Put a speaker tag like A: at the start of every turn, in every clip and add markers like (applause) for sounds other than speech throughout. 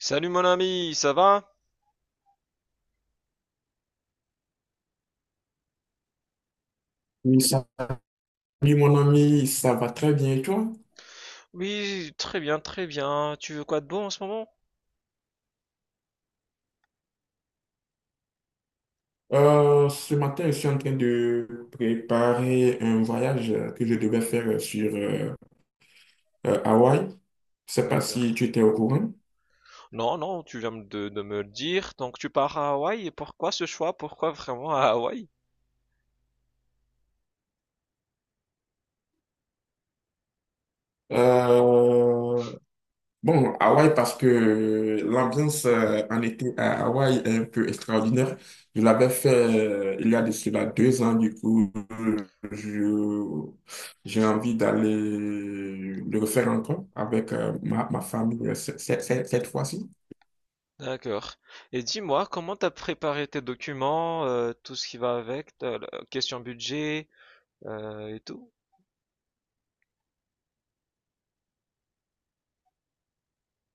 A: Salut mon ami, ça va?
B: Oui, salut mon ami, ça va très bien et toi?
A: Oui, très bien, très bien. Tu veux quoi de bon en ce moment?
B: Ce matin, je suis en train de préparer un voyage que je devais faire sur Hawaï. Je ne sais pas
A: D'accord.
B: si tu étais au courant.
A: Non, non, tu viens de me le dire. Donc tu pars à Hawaï, et pourquoi ce choix? Pourquoi vraiment à Hawaï?
B: Euh, Bon, Hawaï, parce que l'ambiance en été à Hawaï est un peu extraordinaire. Je l'avais fait il y a de cela deux ans, du coup, je, j'ai envie d'aller le refaire encore avec ma famille cette fois-ci.
A: D'accord. Et dis-moi, comment t'as préparé tes documents, tout ce qui va avec, t'as la question budget, et tout?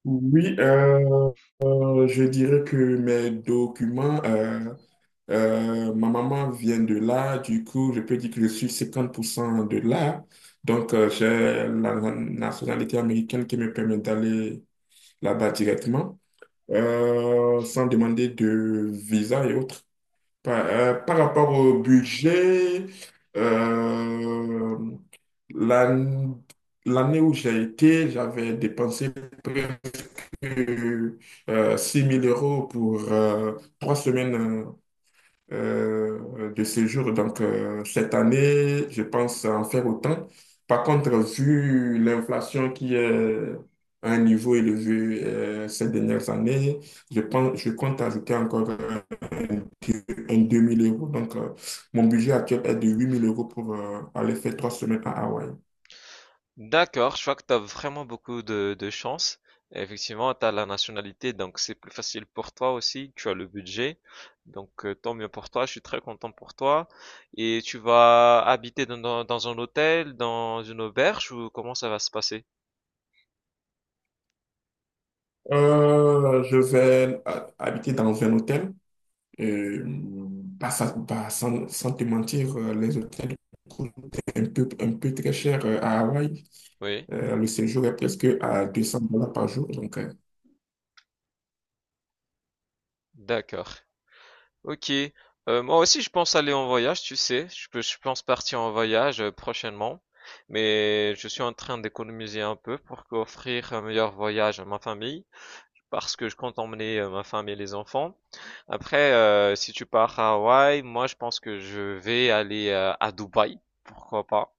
B: Oui, je dirais que mes documents. Ma maman vient de là, du coup, je peux dire que je suis 50% de là. Donc, j'ai la nationalité américaine qui me permet d'aller là-bas directement, sans demander de visa et autres. Par rapport au budget, euh, l'an- l'année où j'ai été, j'avais dépensé près de 6000 euros pour trois semaines de séjour. Donc, cette année, je pense en faire autant. Par contre, vu l'inflation qui est à un niveau élevé ces dernières années, je compte ajouter encore petit- un 2000 euros. Donc, mon budget actuel est de 8000 euros pour aller faire trois semaines à Hawaï.
A: D'accord, je vois que tu as vraiment beaucoup de chance. Effectivement, tu as la nationalité, donc c'est plus facile pour toi aussi. Tu as le budget, donc tant mieux pour toi. Je suis très content pour toi. Et tu vas habiter dans un hôtel, dans une auberge, ou comment ça va se passer?
B: Je vais habiter dans un hôtel. Euh, Pas sans te mentir, les hôtels coûtent un peu très cher à Hawaï.
A: Oui,
B: Le séjour est presque à 200 dollars par jour. Donc,
A: d'accord. Ok. Moi aussi, je pense aller en voyage, tu sais. Je pense partir en voyage prochainement. Mais je suis en train d'économiser un peu pour offrir un meilleur voyage à ma famille, parce que je compte emmener ma femme et les enfants. Après, si tu pars à Hawaï, moi je pense que je vais aller à Dubaï, pourquoi pas.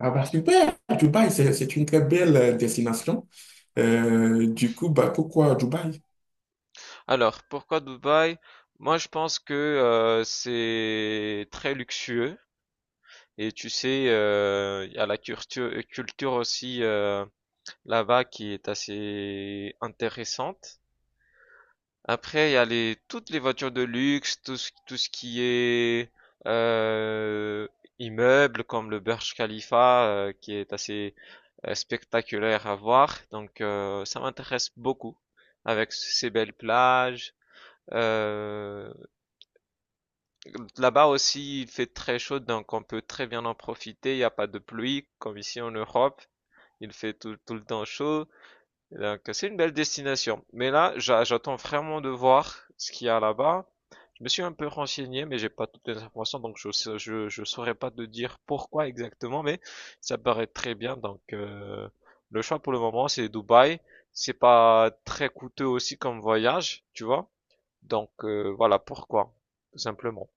B: ah bah super, Dubaï, c'est une très belle destination. Du coup, bah, pourquoi Dubaï?
A: Alors, pourquoi Dubaï? Moi je pense que c'est très luxueux et tu sais, il y a la culture aussi là-bas qui est assez intéressante. Après, il y a toutes les voitures de luxe, tout ce qui est euh, immeuble, comme le Burj Khalifa, qui est assez spectaculaire à voir. Donc, ça m'intéresse beaucoup, avec ces belles plages. Euh, Là-bas aussi, il fait très chaud, donc on peut très bien en profiter. Il n'y a pas de pluie, comme ici en Europe. Il fait tout le temps chaud. Donc, c'est une belle destination. Mais là, j'attends vraiment de voir ce qu'il y a là-bas. Je me suis un peu renseigné, mais j'ai pas toutes les informations, donc je saurais pas te dire pourquoi exactement, mais ça paraît très bien. Donc, le choix pour le moment, c'est Dubaï. C'est pas très coûteux aussi comme voyage, tu vois. Donc, voilà pourquoi, tout simplement.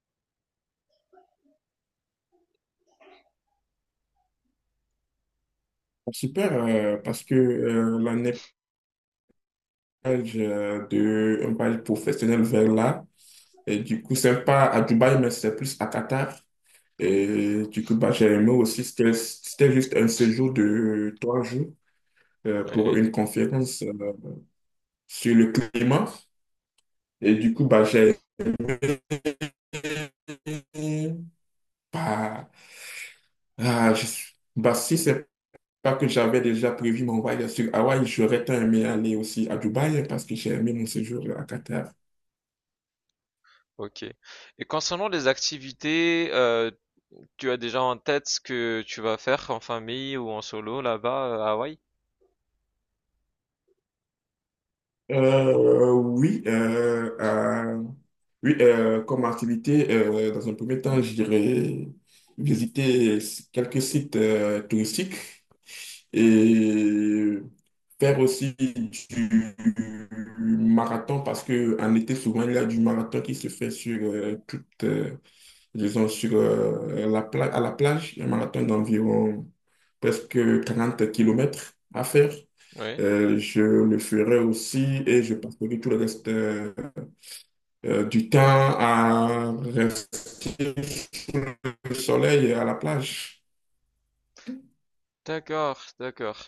B: Bah, super, parce que la neige de un voyage professionnel vers là, et du coup, c'est pas à Dubaï, mais c'est plus à Qatar. Et du coup, bah, j'ai aimé aussi, c'était juste un séjour de trois jours pour
A: Ouais.
B: une conférence sur le climat. Et du coup, bah, j'ai bah, ah, je suis- bah, si c'est pas que j'avais déjà prévu mon voyage sur Hawaï, j'aurais tant aimé aller aussi à Dubaï parce que j'ai aimé mon séjour à Qatar.
A: Ok. Et concernant les activités, tu as déjà en tête ce que tu vas faire en famille ou en solo là-bas à Hawaï?
B: Euh, oui, euh, euh, oui comme activité, dans un premier temps, j'irai visiter quelques sites touristiques et faire aussi du marathon parce que en été, souvent, il y a du marathon qui se fait sur toute, disons, sur la pla- à la plage, un marathon d'environ presque 40 kilomètres à faire.
A: Oui.
B: Je le ferai aussi et je passerai tout le reste du temps à rester au soleil et à la plage.
A: D'accord, d'accord.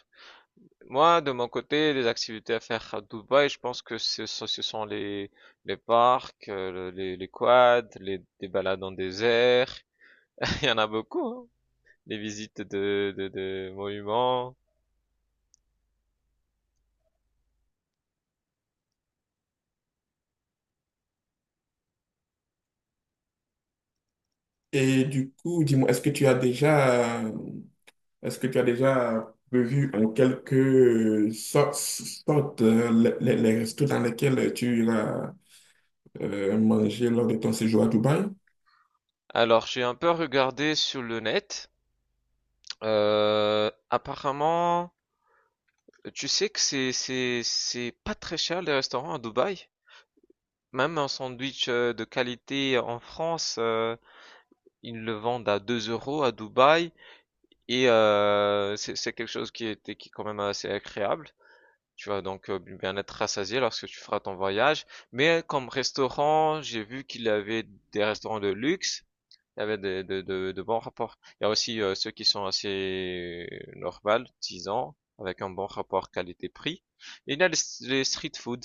A: Moi, de mon côté, les activités à faire à Dubaï, je pense que ce sont les parcs, les quads, des balades en désert. (laughs) Il y en a beaucoup, hein. Les visites de monuments.
B: Et du coup, dis-moi, est-ce que tu as déjà, est-ce que tu as déjà prévu en quelque sorte, les restos dans lesquels tu iras manger lors de ton séjour à Dubaï?
A: Alors, j'ai un peu regardé sur le net. Apparemment, tu sais que c'est pas très cher les restaurants à Dubaï. Même un sandwich de qualité en France, ils le vendent à 2 € à Dubaï et c'est quelque chose qui est quand même assez agréable. Tu vas donc bien être rassasié lorsque tu feras ton voyage. Mais comme restaurant, j'ai vu qu'il avait des restaurants de luxe, il y avait de bons rapports. Il y a aussi ceux qui sont assez normales, 10 ans, avec un bon rapport qualité-prix. Et il y a les street food.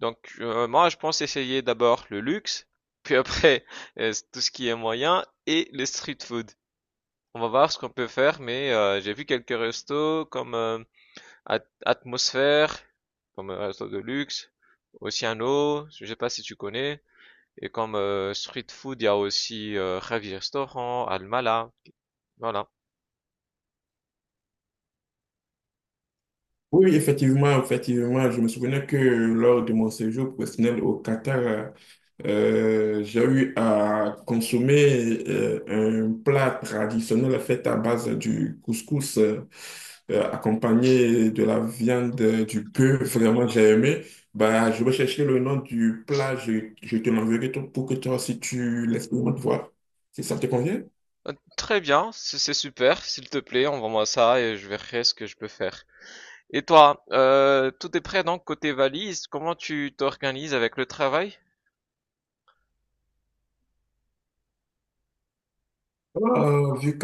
A: Donc moi, je pense essayer d'abord le luxe, puis après tout ce qui est moyen et les street food. On va voir ce qu'on peut faire, mais j'ai vu quelques restos comme Atmosphère, comme un resto de luxe, Oceano, je sais pas si tu connais. Et comme street food, il y a aussi Ravi Restaurant, Almala. Voilà.
B: Oui, effectivement, je me souvenais que lors de mon séjour professionnel au Qatar, j'ai eu à consommer un plat traditionnel fait à base du couscous, accompagné de la viande, du bœuf. Vraiment, j'ai aimé. Bah, je vais chercher le nom du plat, je te l'enverrai pour que toi aussi tu l'expérimentes voir. Si ça te convient?
A: Très bien, c'est super. S'il te plaît, envoie-moi ça et je verrai ce que je peux faire. Et toi, tout est prêt donc côté valise. Comment tu t'organises avec le travail?
B: Voilà, vu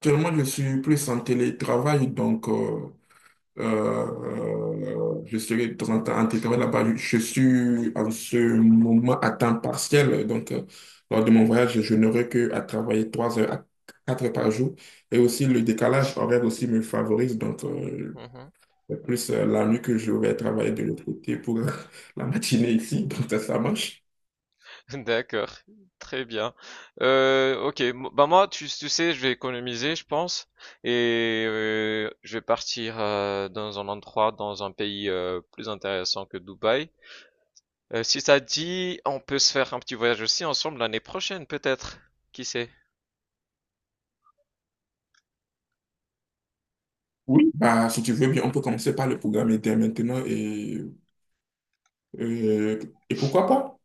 B: qu'actuellement je suis plus en télétravail, donc je serai de temps en temps en télétravail là-bas. Je suis en ce moment à temps partiel. Donc, lors de mon voyage, je n'aurai que à travailler 3 heures à 4 heures par jour. Et aussi, le décalage horaire aussi me favorise. Donc,
A: Mhm.
B: c'est plus la nuit que je vais travailler de l'autre côté pour (laughs) la matinée ici. Donc, ça marche.
A: (laughs) D'accord, très bien. Ok, bah moi, tu sais, je vais économiser, je pense, et je vais partir dans un endroit, dans un pays plus intéressant que Dubaï. Si ça te dit, on peut se faire un petit voyage aussi ensemble l'année prochaine, peut-être. Qui sait?
B: Oui, bah, si tu veux bien, on peut commencer par le programme dès maintenant et, et pourquoi pas?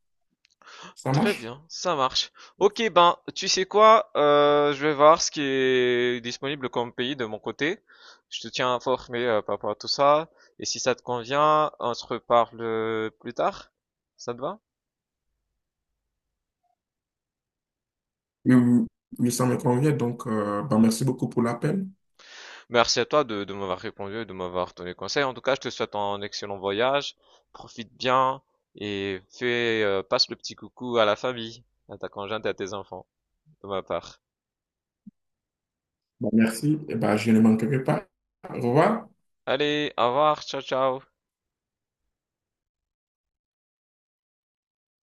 B: Ça
A: Très
B: marche?
A: bien, ça marche. Ok, ben, tu sais quoi? Je vais voir ce qui est disponible comme pays de mon côté. Je te tiens informé par rapport à tout ça. Et si ça te convient, on se reparle plus tard. Ça te va?
B: Oui, oui, oui, ça me convient. Donc, bah, merci beaucoup pour l'appel.
A: Merci à toi de m'avoir répondu et de m'avoir donné conseil. En tout cas, je te souhaite un excellent voyage. Profite bien et passe le petit coucou à la famille, à ta conjointe et à tes enfants, de ma part.
B: Bah, merci. Et bah, je ne manquerai pas. Au revoir.
A: Allez, au revoir, ciao ciao.